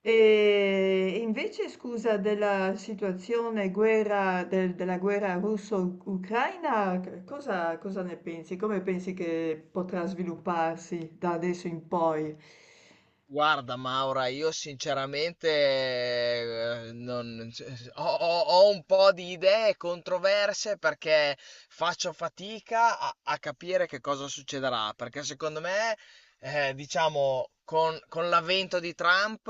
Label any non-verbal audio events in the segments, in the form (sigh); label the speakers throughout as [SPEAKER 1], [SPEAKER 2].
[SPEAKER 1] E invece, scusa, della situazione guerra, della guerra russo-ucraina, cosa ne pensi? Come pensi che potrà svilupparsi da adesso in poi?
[SPEAKER 2] Guarda Maura, io sinceramente eh, non- ho un po' di idee controverse perché faccio fatica a capire che cosa succederà, perché secondo me, diciamo, con l'avvento di Trump,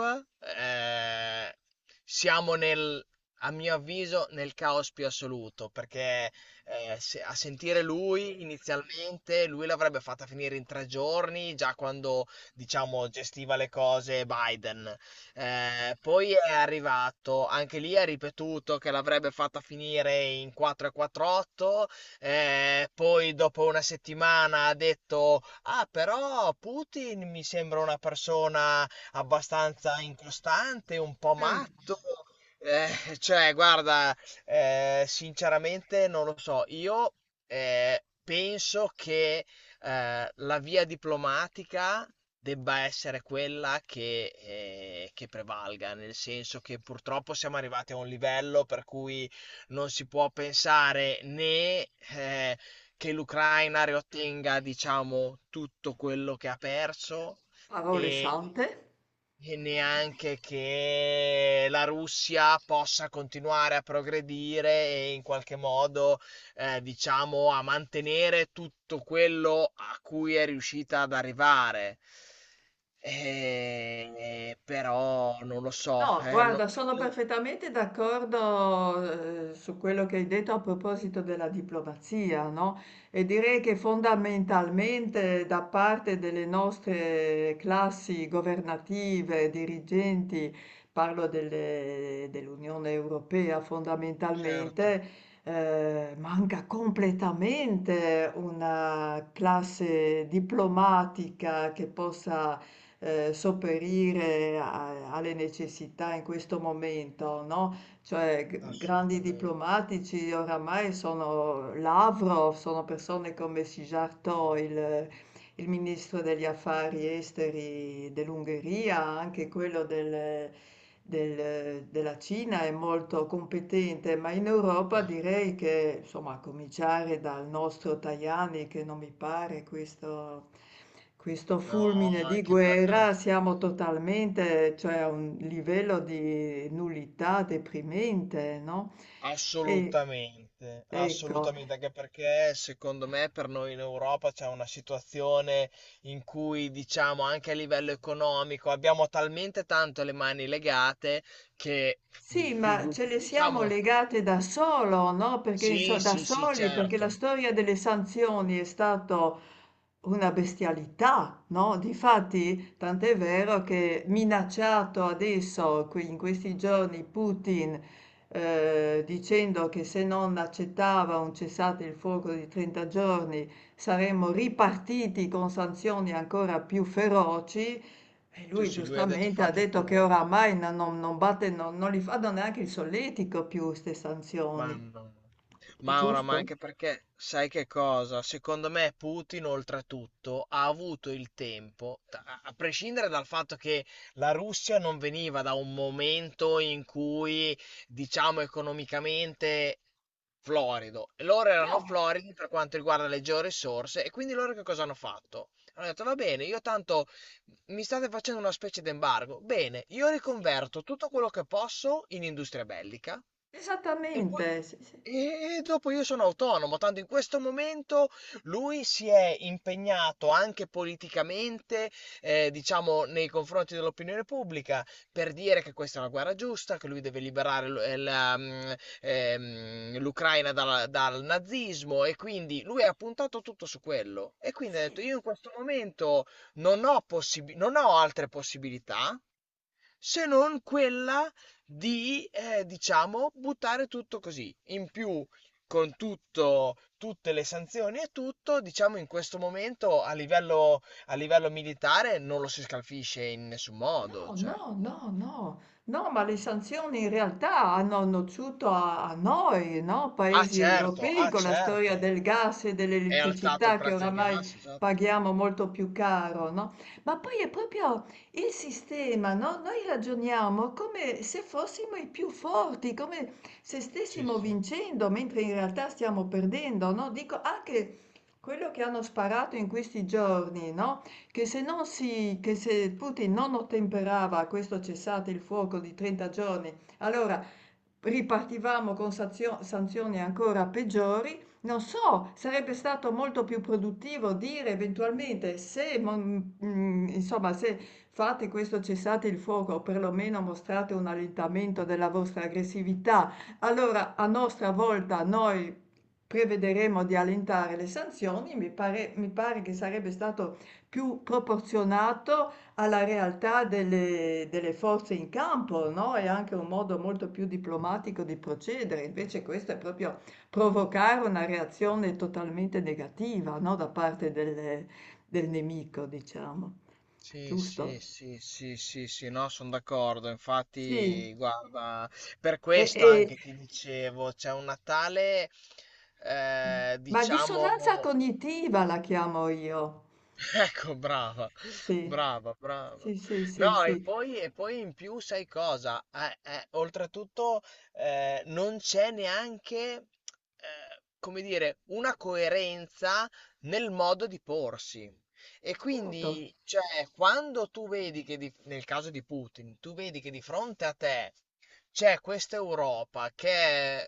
[SPEAKER 2] eh, siamo a mio avviso, nel caos più assoluto, perché a sentire lui inizialmente, lui l'avrebbe fatta finire in tre giorni, già quando diciamo, gestiva le cose Biden. Poi è arrivato, anche lì ha ripetuto che l'avrebbe fatta finire in 4-4-8, poi dopo una settimana ha detto, ah però Putin mi sembra una persona abbastanza incostante, un po'
[SPEAKER 1] Mm.
[SPEAKER 2] matto. Cioè, guarda, sinceramente non lo so. Io penso che la via diplomatica debba essere quella che prevalga, nel senso che purtroppo siamo arrivati a un livello per cui non si può pensare né, che l'Ucraina riottenga, diciamo, tutto quello che ha perso
[SPEAKER 1] Parole
[SPEAKER 2] e
[SPEAKER 1] sante?
[SPEAKER 2] neanche che la Russia possa continuare a progredire e in qualche modo, diciamo, a mantenere tutto quello a cui è riuscita ad arrivare. Però non lo so,
[SPEAKER 1] No, guarda, sono
[SPEAKER 2] no-
[SPEAKER 1] perfettamente d'accordo, su quello che hai detto a proposito della diplomazia, no? E direi che fondamentalmente da parte delle nostre classi governative, dirigenti, parlo dell'Unione Europea
[SPEAKER 2] certo,
[SPEAKER 1] fondamentalmente, manca completamente una classe diplomatica che possa sopperire alle necessità in questo momento, no? Cioè, grandi
[SPEAKER 2] assolutamente.
[SPEAKER 1] diplomatici oramai sono Lavrov, sono persone come Sijarto, il ministro degli affari esteri dell'Ungheria, anche quello della Cina è molto competente, ma in Europa
[SPEAKER 2] Cioè,
[SPEAKER 1] direi che, insomma, a cominciare dal nostro Tajani, che non mi pare questo, questo
[SPEAKER 2] no,
[SPEAKER 1] fulmine di
[SPEAKER 2] anche per,
[SPEAKER 1] guerra,
[SPEAKER 2] anche-
[SPEAKER 1] siamo totalmente, cioè a un livello di nullità deprimente, no? E,
[SPEAKER 2] assolutamente,
[SPEAKER 1] ecco.
[SPEAKER 2] assolutamente, anche perché secondo me per noi in Europa c'è una situazione in cui, diciamo, anche a livello economico abbiamo talmente tanto le mani legate che,
[SPEAKER 1] Sì, ma ce le siamo
[SPEAKER 2] diciamo,
[SPEAKER 1] legate da solo, no? Perché
[SPEAKER 2] sì,
[SPEAKER 1] da
[SPEAKER 2] sì, sì,
[SPEAKER 1] soli, perché la
[SPEAKER 2] certo.
[SPEAKER 1] storia delle sanzioni è stata una bestialità, no? Difatti, tant'è vero che minacciato adesso, in questi giorni, Putin, dicendo che se non accettava un cessate il fuoco di 30 giorni saremmo ripartiti con sanzioni ancora più feroci, e
[SPEAKER 2] Sì,
[SPEAKER 1] lui
[SPEAKER 2] sì, lui ha detto
[SPEAKER 1] giustamente ha
[SPEAKER 2] fate
[SPEAKER 1] detto che
[SPEAKER 2] pure,
[SPEAKER 1] oramai non, non li fanno neanche il solletico più queste
[SPEAKER 2] ma
[SPEAKER 1] sanzioni,
[SPEAKER 2] no. No.
[SPEAKER 1] è
[SPEAKER 2] Maura, ma
[SPEAKER 1] giusto?
[SPEAKER 2] anche perché sai che cosa? Secondo me Putin, oltretutto, ha avuto il tempo, a prescindere dal fatto che la Russia non veniva da un momento in cui, diciamo, economicamente florido, e loro erano
[SPEAKER 1] No,
[SPEAKER 2] floridi per quanto riguarda le georisorse, e quindi loro che cosa hanno fatto? Hanno detto, va bene, io tanto mi state facendo una specie di embargo. Bene, io
[SPEAKER 1] sì,
[SPEAKER 2] riconverto tutto quello che posso in industria bellica e poi,
[SPEAKER 1] esattamente, sì, sì.
[SPEAKER 2] e dopo io sono autonomo, tanto in questo momento lui si è impegnato anche politicamente, diciamo, nei confronti dell'opinione pubblica per dire che questa è una guerra giusta, che lui deve liberare l'Ucraina dal nazismo e quindi lui ha puntato tutto su quello. E quindi ha detto,
[SPEAKER 1] Sì.
[SPEAKER 2] io in questo momento non ho altre possibilità se non quella di, diciamo, buttare tutto così. In più, tutte le sanzioni e tutto, diciamo, in questo momento a livello militare non lo si scalfisce in nessun modo.
[SPEAKER 1] No,
[SPEAKER 2] Cioè,
[SPEAKER 1] no,
[SPEAKER 2] no.
[SPEAKER 1] no, no, no, ma le sanzioni in realtà hanno nociuto a, a noi, no?
[SPEAKER 2] Ah,
[SPEAKER 1] Paesi
[SPEAKER 2] certo,
[SPEAKER 1] europei
[SPEAKER 2] ah,
[SPEAKER 1] con la storia
[SPEAKER 2] certo.
[SPEAKER 1] del gas e
[SPEAKER 2] È alzato il
[SPEAKER 1] dell'elettricità che
[SPEAKER 2] prezzo del
[SPEAKER 1] oramai
[SPEAKER 2] gas, esatto.
[SPEAKER 1] paghiamo molto più caro, no? Ma poi è proprio il sistema, no? Noi ragioniamo come se fossimo i più forti, come se
[SPEAKER 2] Sì,
[SPEAKER 1] stessimo
[SPEAKER 2] sì.
[SPEAKER 1] vincendo, mentre in realtà stiamo perdendo, no? Dico anche quello che hanno sparato in questi giorni, no? Che se, non si, che se Putin non ottemperava a questo cessate il fuoco di 30 giorni, allora ripartivamo con sanzioni ancora peggiori. Non so, sarebbe stato molto più produttivo dire eventualmente se, insomma, se fate questo cessate il fuoco o perlomeno mostrate un allentamento della vostra aggressività, allora a nostra volta noi prevederemo di allentare le sanzioni. Mi pare che sarebbe stato più proporzionato alla realtà delle forze in campo, no? È anche un modo molto più diplomatico di procedere, invece questo è proprio provocare una reazione totalmente negativa, no? Da parte del nemico, diciamo.
[SPEAKER 2] Sì,
[SPEAKER 1] Giusto?
[SPEAKER 2] sì, sì, sì, sì, sì, no, sono d'accordo.
[SPEAKER 1] Sì.
[SPEAKER 2] Infatti, guarda, per
[SPEAKER 1] E-
[SPEAKER 2] questo
[SPEAKER 1] e-
[SPEAKER 2] anche ti dicevo, c'è un Natale,
[SPEAKER 1] ma
[SPEAKER 2] diciamo.
[SPEAKER 1] dissonanza cognitiva la chiamo io.
[SPEAKER 2] Ecco, brava,
[SPEAKER 1] Sì,
[SPEAKER 2] brava, brava.
[SPEAKER 1] sì, sì, sì,
[SPEAKER 2] No,
[SPEAKER 1] sì.
[SPEAKER 2] e poi in più sai cosa? Oltretutto non c'è neanche, come dire, una coerenza nel modo di porsi. E
[SPEAKER 1] Appunto,
[SPEAKER 2] quindi, cioè, quando tu vedi che, nel caso di Putin, tu vedi che di fronte a te c'è questa Europa che è-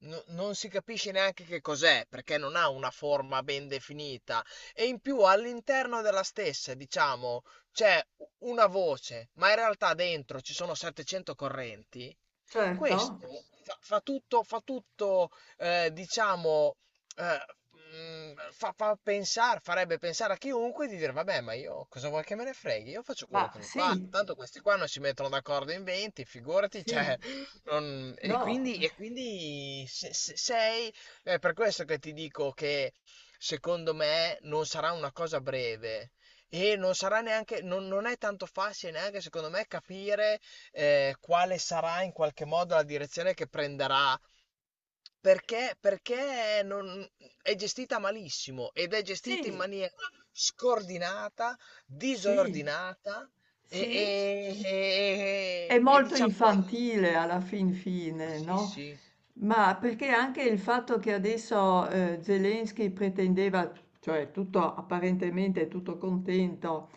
[SPEAKER 2] no- non si capisce neanche che cos'è, perché non ha una forma ben definita e in più all'interno della stessa, diciamo, c'è una voce, ma in realtà dentro ci sono 700 correnti,
[SPEAKER 1] certo.
[SPEAKER 2] questo fa tutto diciamo, eh, fa pensare, farebbe pensare a chiunque di dire, vabbè, ma io cosa vuoi che me ne freghi? Io faccio quello
[SPEAKER 1] Ma
[SPEAKER 2] che mi pare.
[SPEAKER 1] sì,
[SPEAKER 2] Tanto questi qua non si mettono d'accordo in 20, figurati,
[SPEAKER 1] sì,
[SPEAKER 2] cioè,
[SPEAKER 1] no,
[SPEAKER 2] e quindi se- se- sei è per questo che ti dico che secondo me non sarà una cosa breve e non sarà neanche, non è tanto facile neanche secondo me capire quale sarà in qualche modo la direzione che prenderà. Perché, perché non- È gestita malissimo ed è gestita in
[SPEAKER 1] sì.
[SPEAKER 2] maniera scordinata,
[SPEAKER 1] Sì.
[SPEAKER 2] disordinata e,
[SPEAKER 1] Sì,
[SPEAKER 2] e-
[SPEAKER 1] è
[SPEAKER 2] e- e
[SPEAKER 1] molto
[SPEAKER 2] diciamo...
[SPEAKER 1] infantile alla fin fine,
[SPEAKER 2] Sì,
[SPEAKER 1] no?
[SPEAKER 2] sì,
[SPEAKER 1] Ma perché anche il fatto che adesso Zelensky pretendeva, cioè tutto apparentemente tutto contento,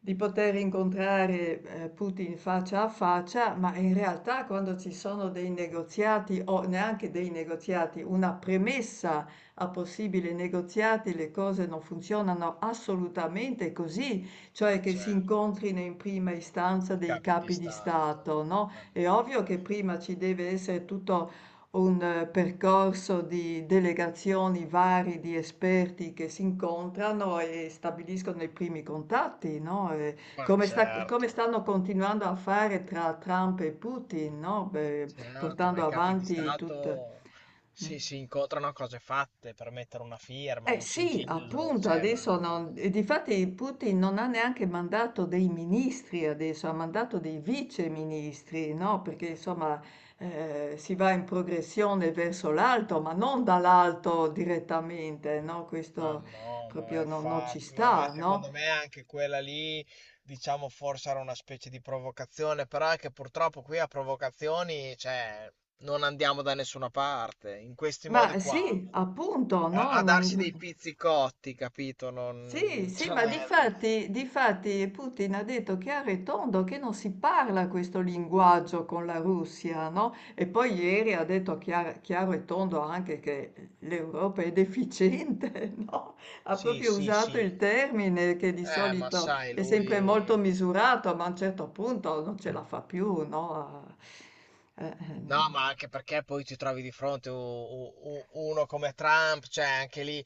[SPEAKER 1] di poter incontrare, Putin faccia a faccia, ma in realtà quando ci sono dei negoziati o neanche dei negoziati, una premessa a possibili negoziati, le cose non funzionano assolutamente così,
[SPEAKER 2] ma
[SPEAKER 1] cioè che si
[SPEAKER 2] certo.
[SPEAKER 1] incontrino in prima istanza
[SPEAKER 2] I
[SPEAKER 1] dei
[SPEAKER 2] capi di
[SPEAKER 1] capi di
[SPEAKER 2] stato.
[SPEAKER 1] Stato, no,
[SPEAKER 2] Ma
[SPEAKER 1] è
[SPEAKER 2] no,
[SPEAKER 1] ovvio
[SPEAKER 2] ma, è-
[SPEAKER 1] che prima ci deve essere tutto un percorso di delegazioni vari di esperti che si incontrano e stabiliscono i primi contatti, no? E
[SPEAKER 2] Ma
[SPEAKER 1] come
[SPEAKER 2] certo,
[SPEAKER 1] stanno continuando a fare tra Trump e Putin, no? Beh,
[SPEAKER 2] certo, ma
[SPEAKER 1] portando
[SPEAKER 2] i capi di
[SPEAKER 1] avanti tutte.
[SPEAKER 2] stato si incontrano a cose fatte per mettere una firma,
[SPEAKER 1] Eh
[SPEAKER 2] un
[SPEAKER 1] sì,
[SPEAKER 2] sigillo,
[SPEAKER 1] appunto,
[SPEAKER 2] cioè, ma
[SPEAKER 1] adesso
[SPEAKER 2] no,
[SPEAKER 1] non e difatti Putin non ha neanche mandato dei ministri adesso, ha mandato dei viceministri, no? Perché insomma si va in progressione verso l'alto, ma non dall'alto direttamente, no?
[SPEAKER 2] ma
[SPEAKER 1] Questo
[SPEAKER 2] no, ma
[SPEAKER 1] proprio non, non ci
[SPEAKER 2] infatti, ma
[SPEAKER 1] sta, no?
[SPEAKER 2] secondo me anche quella lì, diciamo, forse era una specie di provocazione, però è che purtroppo qui a provocazioni, cioè, non andiamo da nessuna parte, in questi modi
[SPEAKER 1] Ma
[SPEAKER 2] qua
[SPEAKER 1] sì, appunto, no?
[SPEAKER 2] a darsi dei
[SPEAKER 1] Non...
[SPEAKER 2] pizzicotti, capito?
[SPEAKER 1] Sì,
[SPEAKER 2] Non,
[SPEAKER 1] sì, ma
[SPEAKER 2] cioè,
[SPEAKER 1] difatti, difatti Putin ha detto chiaro e tondo che non si parla questo linguaggio con la Russia, no? E poi ieri ha detto chiaro, e tondo anche che l'Europa è deficiente, (laughs) no? Ha
[SPEAKER 2] sì,
[SPEAKER 1] proprio
[SPEAKER 2] sì,
[SPEAKER 1] usato
[SPEAKER 2] sì.
[SPEAKER 1] il termine che di
[SPEAKER 2] Ma
[SPEAKER 1] solito
[SPEAKER 2] sai,
[SPEAKER 1] è sempre molto
[SPEAKER 2] lui...
[SPEAKER 1] misurato, ma a un certo punto non ce la fa più, no? Eh,
[SPEAKER 2] No,
[SPEAKER 1] ehm,
[SPEAKER 2] ma anche perché poi ti trovi di fronte uno come Trump, cioè anche lì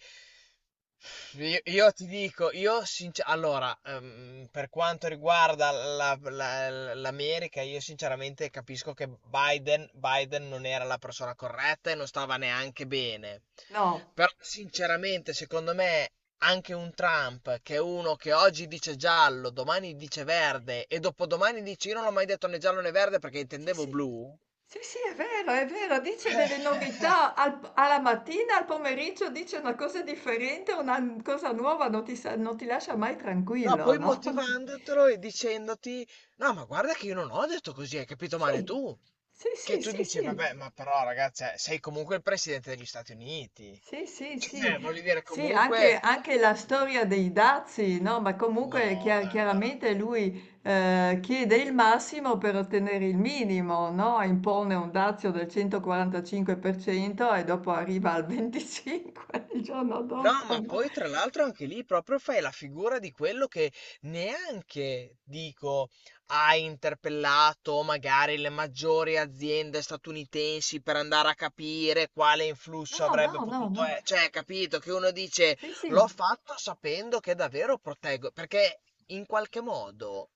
[SPEAKER 2] io, io ti dico, per quanto riguarda l'America, io sinceramente capisco che Biden non era la persona corretta e non stava neanche bene.
[SPEAKER 1] no,
[SPEAKER 2] Però sinceramente, secondo me, anche un Trump, che è uno che oggi dice giallo, domani dice verde e dopodomani dice io non l'ho mai detto né giallo né verde perché
[SPEAKER 1] sì,
[SPEAKER 2] intendevo
[SPEAKER 1] sì.
[SPEAKER 2] blu.
[SPEAKER 1] Sì, sì, è vero, dice delle
[SPEAKER 2] (laughs)
[SPEAKER 1] novità al alla mattina, al pomeriggio dice una cosa differente, una cosa nuova, non ti, non ti lascia mai
[SPEAKER 2] No,
[SPEAKER 1] tranquillo,
[SPEAKER 2] poi
[SPEAKER 1] no? (laughs)
[SPEAKER 2] motivandotelo e dicendoti: no, ma guarda che io non ho detto così, hai capito male
[SPEAKER 1] Sì,
[SPEAKER 2] tu.
[SPEAKER 1] sì,
[SPEAKER 2] Che
[SPEAKER 1] sì,
[SPEAKER 2] tu
[SPEAKER 1] sì,
[SPEAKER 2] dici, vabbè,
[SPEAKER 1] sì.
[SPEAKER 2] ma però, ragazzi, sei comunque il presidente degli Stati Uniti.
[SPEAKER 1] Sì, sì,
[SPEAKER 2] Cioè,
[SPEAKER 1] sì.
[SPEAKER 2] voglio dire,
[SPEAKER 1] Sì, anche,
[SPEAKER 2] comunque.
[SPEAKER 1] anche la storia dei dazi, no? Ma comunque
[SPEAKER 2] No, dai,
[SPEAKER 1] chiaramente
[SPEAKER 2] veramente.
[SPEAKER 1] lui chiede il massimo per ottenere il minimo, no? Impone un dazio del 145% e dopo arriva al 25% (laughs) il giorno
[SPEAKER 2] No,
[SPEAKER 1] dopo,
[SPEAKER 2] ma
[SPEAKER 1] no?
[SPEAKER 2] poi tra l'altro anche lì proprio fai la figura di quello che neanche, dico, ha interpellato magari le maggiori aziende statunitensi per andare a capire quale influsso
[SPEAKER 1] No,
[SPEAKER 2] avrebbe
[SPEAKER 1] no, no,
[SPEAKER 2] potuto
[SPEAKER 1] no.
[SPEAKER 2] essere. Cioè, capito che uno dice
[SPEAKER 1] Sì, sì.
[SPEAKER 2] l'ho fatto sapendo che davvero proteggo, perché in qualche modo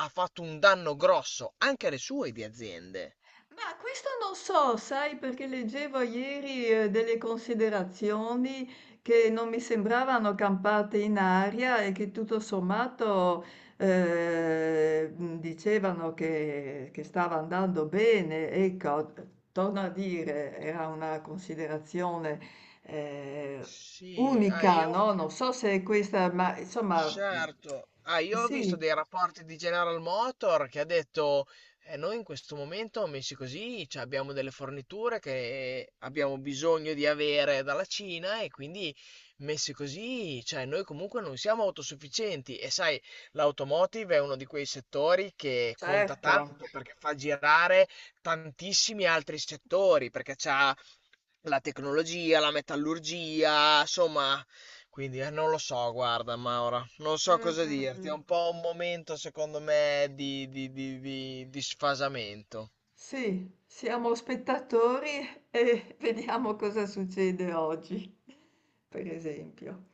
[SPEAKER 2] ha fatto un danno grosso anche alle sue di aziende.
[SPEAKER 1] Ma questo non so, sai, perché leggevo ieri delle considerazioni che non mi sembravano campate in aria e che tutto sommato eh, dicevano che stava andando bene. Ecco, torno a dire, era una considerazione eh,
[SPEAKER 2] Sì, ah,
[SPEAKER 1] unica, no?
[SPEAKER 2] io
[SPEAKER 1] Non so se è questa, ma insomma,
[SPEAKER 2] certo, ah, io ho visto
[SPEAKER 1] sì,
[SPEAKER 2] dei rapporti di General Motor che ha detto, noi in questo momento, messi così, cioè, abbiamo delle forniture che abbiamo bisogno di avere dalla Cina e quindi messi così, cioè, noi comunque non siamo autosufficienti e sai, l'automotive è uno di quei settori che conta
[SPEAKER 1] certo.
[SPEAKER 2] tanto perché fa girare tantissimi altri settori, perché c'ha la tecnologia, la metallurgia, insomma, quindi non lo so, guarda Maura, non so
[SPEAKER 1] Mm,
[SPEAKER 2] cosa
[SPEAKER 1] mm,
[SPEAKER 2] dirti, è
[SPEAKER 1] mm.
[SPEAKER 2] un po' un momento secondo me di, di sfasamento.
[SPEAKER 1] Sì, siamo spettatori e (laughs) vediamo cosa succede oggi, per esempio.